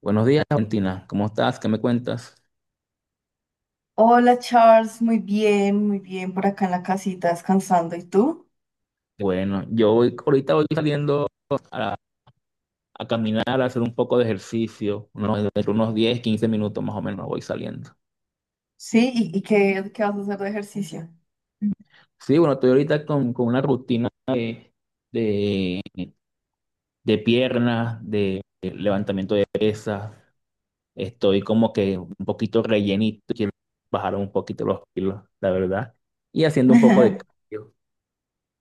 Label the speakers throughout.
Speaker 1: Buenos días, Valentina. ¿Cómo estás? ¿Qué me cuentas?
Speaker 2: Hola Charles, muy bien por acá en la casita descansando. ¿Y tú?
Speaker 1: Bueno, yo voy, ahorita voy saliendo a, a caminar, a hacer un poco de ejercicio, entre unos 10 15 minutos más o menos voy saliendo.
Speaker 2: Sí, ¿y, qué vas a hacer de ejercicio?
Speaker 1: Sí, bueno, estoy ahorita con una rutina de, de piernas, de levantamiento de pesas. Estoy como que un poquito rellenito, quiero bajar un poquito los kilos, la verdad. Y haciendo un poco de cardio.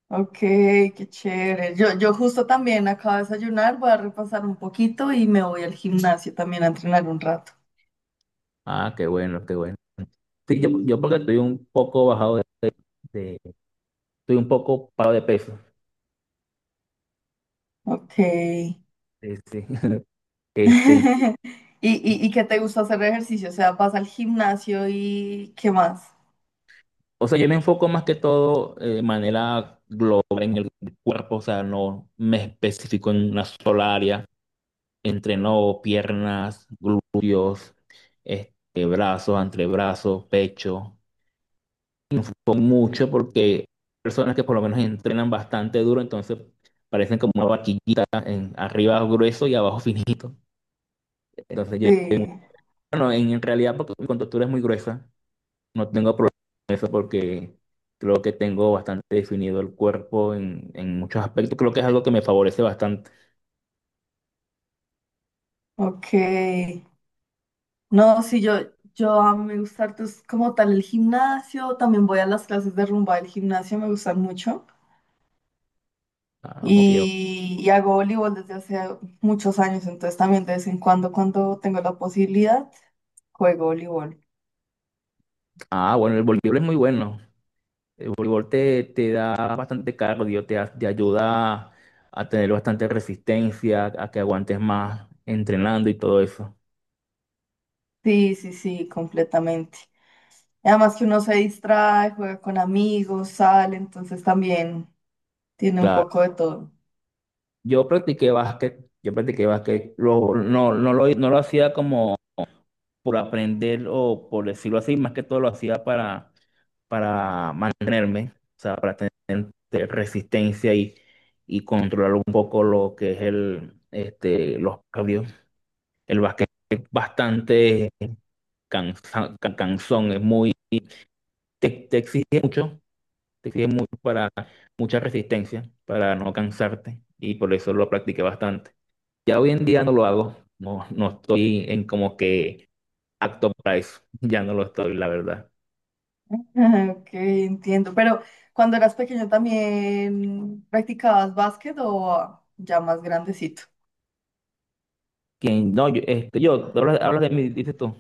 Speaker 2: Ok, qué chévere. Yo justo también acabo de desayunar, voy a repasar un poquito y me voy al gimnasio también a entrenar un rato.
Speaker 1: Ah, qué bueno, qué bueno. Sí, yo porque estoy un poco bajado de, estoy un poco parado de peso.
Speaker 2: Ok. ¿Y,
Speaker 1: Este, este,
Speaker 2: y qué te gusta hacer de ejercicio? O sea, ¿vas al gimnasio y qué más?
Speaker 1: o sea, yo me enfoco más que todo de manera global, cuerpo, o sea, no me especifico en una sola área. Entreno piernas, glúteos, brazos, antebrazos, pecho, con mucho porque personas que por lo menos entrenan bastante duro, entonces parecen como una vaquillita, arriba grueso y abajo finito. Entonces,
Speaker 2: Sí,
Speaker 1: bueno, en realidad porque mi contextura es muy gruesa. No tengo problema con eso porque creo que tengo bastante definido el cuerpo en muchos aspectos. Creo que es algo que me favorece bastante.
Speaker 2: ok. No, sí, yo a mí me gusta harto, es como tal el gimnasio, también voy a las clases de rumba del gimnasio, me gustan mucho.
Speaker 1: Ah, ok, ok.
Speaker 2: Y hago voleibol desde hace muchos años, entonces también de vez en cuando, cuando tengo la posibilidad, juego voleibol.
Speaker 1: Ah, bueno, el voleibol es muy bueno. El voleibol te da bastante cardio, te ayuda a tener bastante resistencia, a que aguantes más entrenando y todo eso.
Speaker 2: Sí, sí, sí, completamente. Y además que uno se distrae, juega con amigos, sale, entonces también tiene un
Speaker 1: Claro.
Speaker 2: poco de todo.
Speaker 1: Yo practiqué básquet, yo practiqué básquet. No, no lo hacía como por aprender o por decirlo así, más que todo lo hacía para mantenerme, o sea, para tener resistencia y controlar un poco lo que es los cambios. El básquet es bastante cansón, te exige mucho, te exige mucho para mucha resistencia, para no cansarte y por eso lo practiqué bastante. Ya hoy en día no lo hago, no estoy en como que acto para eso, ya no lo estoy, la verdad.
Speaker 2: Ah, ok, entiendo. Pero ¿cuando eras pequeño también practicabas básquet o ya más grandecito?
Speaker 1: ¿Quién? No, hablas de mí, dices tú.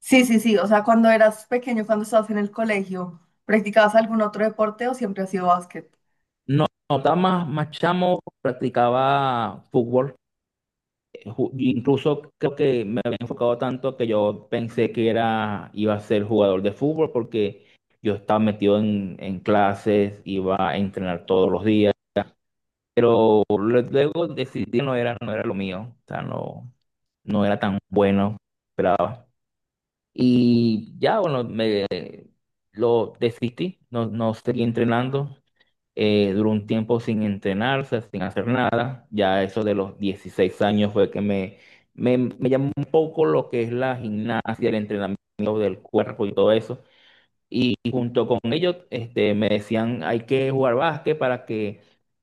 Speaker 2: Sí, sí, sí. O sea, cuando eras pequeño, cuando estabas en el colegio, ¿practicabas algún otro deporte o siempre ha sido básquet?
Speaker 1: No, no, estaba más chamo, practicaba fútbol. Incluso creo que me había enfocado tanto que yo pensé iba a ser jugador de fútbol porque yo estaba metido en clases, iba a entrenar todos los días. Pero luego decidí que no era lo mío. O sea, no era tan bueno, esperaba. Y ya, bueno, me lo desistí, no seguí entrenando. Duró un tiempo sin entrenarse, sin hacer nada. Ya eso de los 16 años fue que me llamó un poco lo que es la gimnasia, el entrenamiento del cuerpo y todo eso. Y junto con ellos, me decían, hay que jugar básquet para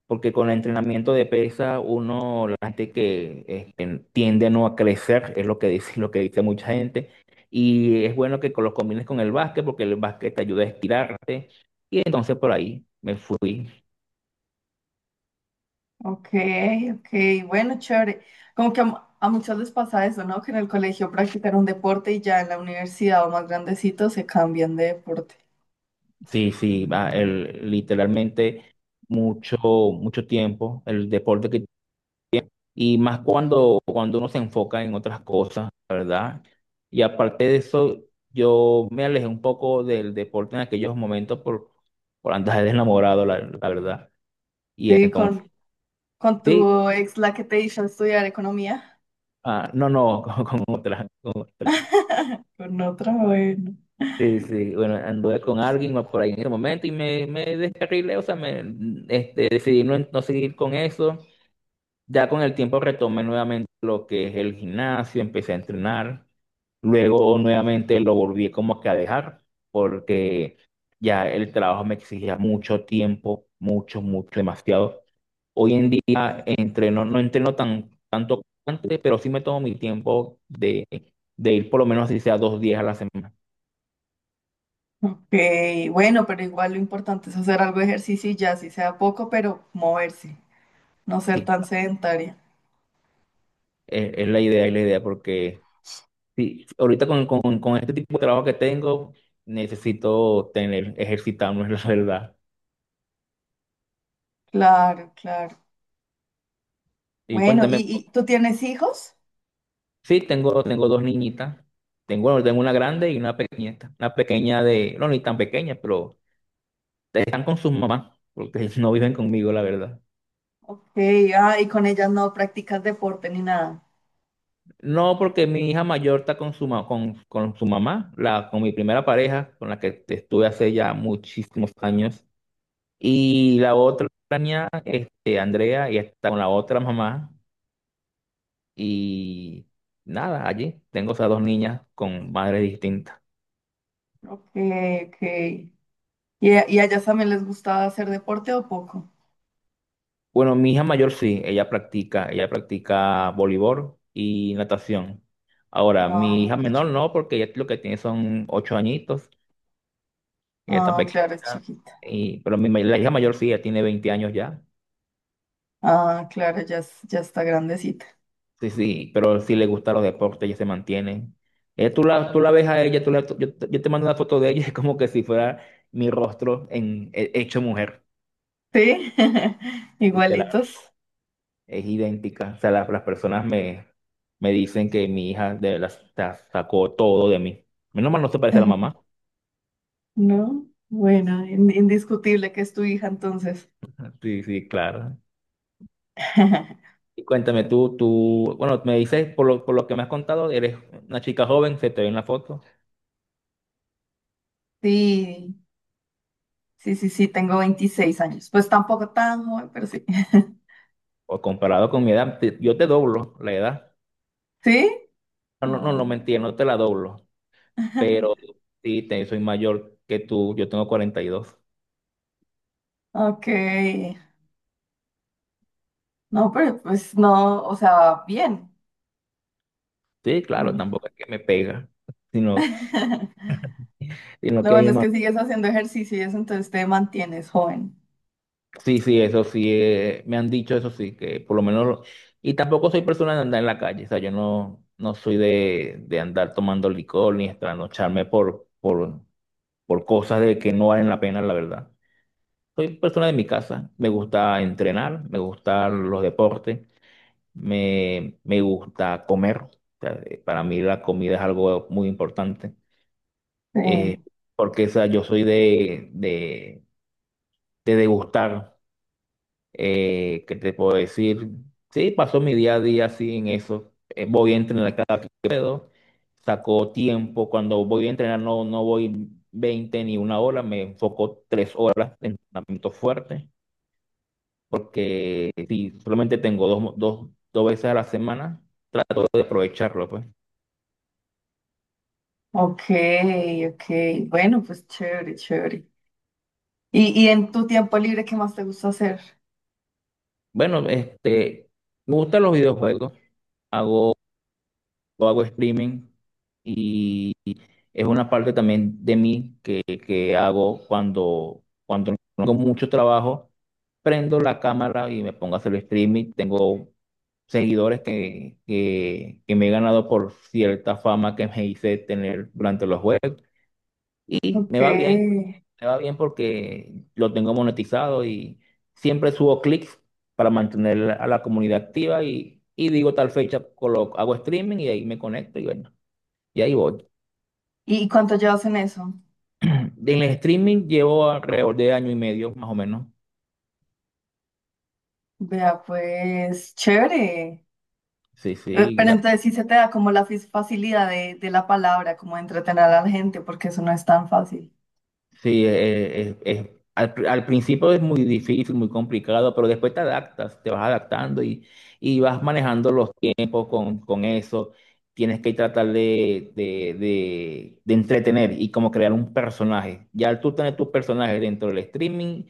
Speaker 1: porque con el entrenamiento de pesa, la gente que tiende no a crecer, es lo que dice, lo que dice mucha gente. Y es bueno que lo combines con el básquet, porque el básquet te ayuda a estirarte. Y entonces por ahí me fui.
Speaker 2: Ok, ok. Bueno, chévere. Como que a, a muchos les pasa eso, ¿no? Que en el colegio practican un deporte y ya en la universidad o más grandecito se cambian de deporte.
Speaker 1: Sí, sí, va, literalmente mucho, mucho tiempo el deporte y más cuando uno se enfoca en otras cosas, la ¿verdad? Y aparte de eso, yo me alejé un poco del deporte en aquellos momentos por andar de enamorado, la verdad. Y
Speaker 2: Sí,
Speaker 1: entonces,
Speaker 2: con
Speaker 1: sí,
Speaker 2: tu ex, la que te hizo estudiar economía,
Speaker 1: ah, no, no, con otra.
Speaker 2: con otra, bueno.
Speaker 1: Sí, sí, bueno, anduve con alguien más por ahí en ese momento y me descarrilé, o sea, decidí no seguir con eso. Ya con el tiempo retomé nuevamente lo que es el gimnasio, empecé a entrenar, luego nuevamente lo volví como que a dejar porque ya el trabajo me exigía mucho tiempo, mucho, mucho, demasiado. Hoy en día entreno, no entreno tanto como antes, pero sí me tomo mi tiempo de ir por lo menos si sea dos días a la semana.
Speaker 2: Ok, bueno, pero igual lo importante es hacer algo de ejercicio y ya, si sea poco, pero moverse, no ser
Speaker 1: Sí,
Speaker 2: tan sedentaria.
Speaker 1: es la idea porque sí, ahorita con este tipo de trabajo que tengo necesito ejercitarme, la verdad.
Speaker 2: Claro, claro.
Speaker 1: Y
Speaker 2: Bueno,
Speaker 1: cuéntame,
Speaker 2: y tú tienes hijos?
Speaker 1: sí, tengo dos niñitas. Bueno, tengo una grande y una pequeñita. Una pequeña de, no, ni tan pequeña, pero están con sus mamás, porque no viven conmigo, la verdad.
Speaker 2: Ok, ah, y con ellas no practicas deporte ni nada.
Speaker 1: No, porque mi hija mayor está con su mamá, con mi primera pareja, con la que estuve hace ya muchísimos años. Y la otra niña, Andrea, y está con la otra mamá. Y nada, allí tengo esas dos niñas con madres distintas.
Speaker 2: Ok, ok. Y a ellas también les gusta hacer deporte o poco?
Speaker 1: Bueno, mi hija mayor sí, ella practica voleibol y natación. Ahora, mi
Speaker 2: Ah,
Speaker 1: hija
Speaker 2: qué
Speaker 1: menor
Speaker 2: chévere.
Speaker 1: no, porque ella lo que tiene son 8 añitos, ella está
Speaker 2: Ah, claro, es
Speaker 1: pequeñita,
Speaker 2: chiquita.
Speaker 1: pero la hija mayor sí, ella tiene 20 años ya.
Speaker 2: Ah, claro, ya, ya está grandecita.
Speaker 1: Sí, sí, pero sí le gustan los deportes, ella se mantiene. Tú la ves a ella, tú la- tú- yo te mando una foto de ella, es como que si fuera mi rostro hecho mujer.
Speaker 2: ¿Sí?
Speaker 1: Y te la
Speaker 2: Igualitos.
Speaker 1: Es idéntica. O sea, las personas me dicen que mi hija sacó todo de mí. Menos mal no se parece a la mamá.
Speaker 2: ¿No? Bueno, indiscutible que es tu hija entonces.
Speaker 1: Sí, sí, claro. Y cuéntame tú, bueno, me dices, por lo que me has contado, eres una chica joven, se te ve en la foto.
Speaker 2: Sí, sí, sí, sí, tengo 26 años. Pues tampoco tan joven, pero sí.
Speaker 1: O comparado con mi edad, yo te doblo la edad.
Speaker 2: ¿Sí?
Speaker 1: No, no, no, no
Speaker 2: Ah,
Speaker 1: mentira, no te la doblo. Pero sí, soy mayor que tú, yo tengo 42.
Speaker 2: ok. No, pero pues no, o sea, bien.
Speaker 1: Sí, claro,
Speaker 2: Mm.
Speaker 1: tampoco es que me pega, sino, sino
Speaker 2: Lo
Speaker 1: que hay.
Speaker 2: bueno es que sigues haciendo ejercicio y eso, entonces te mantienes joven.
Speaker 1: Sí, sí, eso sí, me han dicho eso sí, que por lo menos, y tampoco soy persona de andar en la calle, o sea, yo no soy de andar tomando licor ni trasnocharme por cosas de que no valen la pena, la verdad. Soy persona de mi casa, me gusta entrenar, me gustan los deportes, me gusta comer, o sea, para mí la comida es algo muy importante,
Speaker 2: Sí.
Speaker 1: eh, porque o sea, yo soy de degustar. ¿Qué te puedo decir? Sí, paso mi día a día así en eso. Voy a entrenar cada que puedo. Saco tiempo. Cuando voy a entrenar no voy 20 ni una hora. Me enfoco 3 horas de entrenamiento fuerte. Porque si solamente tengo dos veces a la semana, puedo aprovecharlo, pues.
Speaker 2: Ok, ok. Bueno, pues chévere, chévere. Y en tu tiempo libre qué más te gusta hacer?
Speaker 1: Bueno, me gustan los videojuegos. Hago yo hago streaming y es una parte también de mí que hago cuando no tengo mucho trabajo, prendo la cámara y me pongo a hacer streaming. Tengo seguidores que me he ganado por cierta fama que me hice tener durante los juegos y me
Speaker 2: Ok.
Speaker 1: va bien, me va bien porque lo tengo monetizado y siempre subo clics para mantener a la comunidad activa y digo tal fecha, hago streaming y ahí me conecto y bueno. Y ahí voy.
Speaker 2: ¿Y cuánto llevas en eso?
Speaker 1: En el streaming llevo alrededor de año y medio, más o menos.
Speaker 2: Vea, pues chévere.
Speaker 1: Sí, sí,
Speaker 2: Pero entonces sí se te da como la facilidad de la palabra, como de entretener a la gente, porque eso no es tan fácil.
Speaker 1: sí. Al principio es muy difícil, muy complicado, pero después te adaptas, te vas adaptando y vas manejando los tiempos con eso. Tienes que tratar de entretener y como crear un personaje. Ya al tú tener tu personaje dentro del streaming,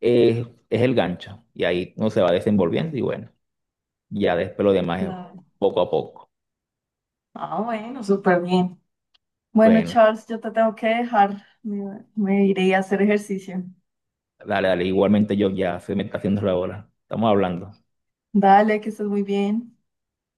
Speaker 1: es el gancho. Y ahí uno se va desenvolviendo y bueno, ya después lo demás es
Speaker 2: Claro.
Speaker 1: poco a poco.
Speaker 2: Ah, bueno, súper bien. Bueno,
Speaker 1: Bueno.
Speaker 2: Charles, yo te tengo que dejar. Me iré a hacer ejercicio.
Speaker 1: Dale, dale, igualmente yo ya soy meditación de la bola. Estamos hablando.
Speaker 2: Dale, que estés muy bien.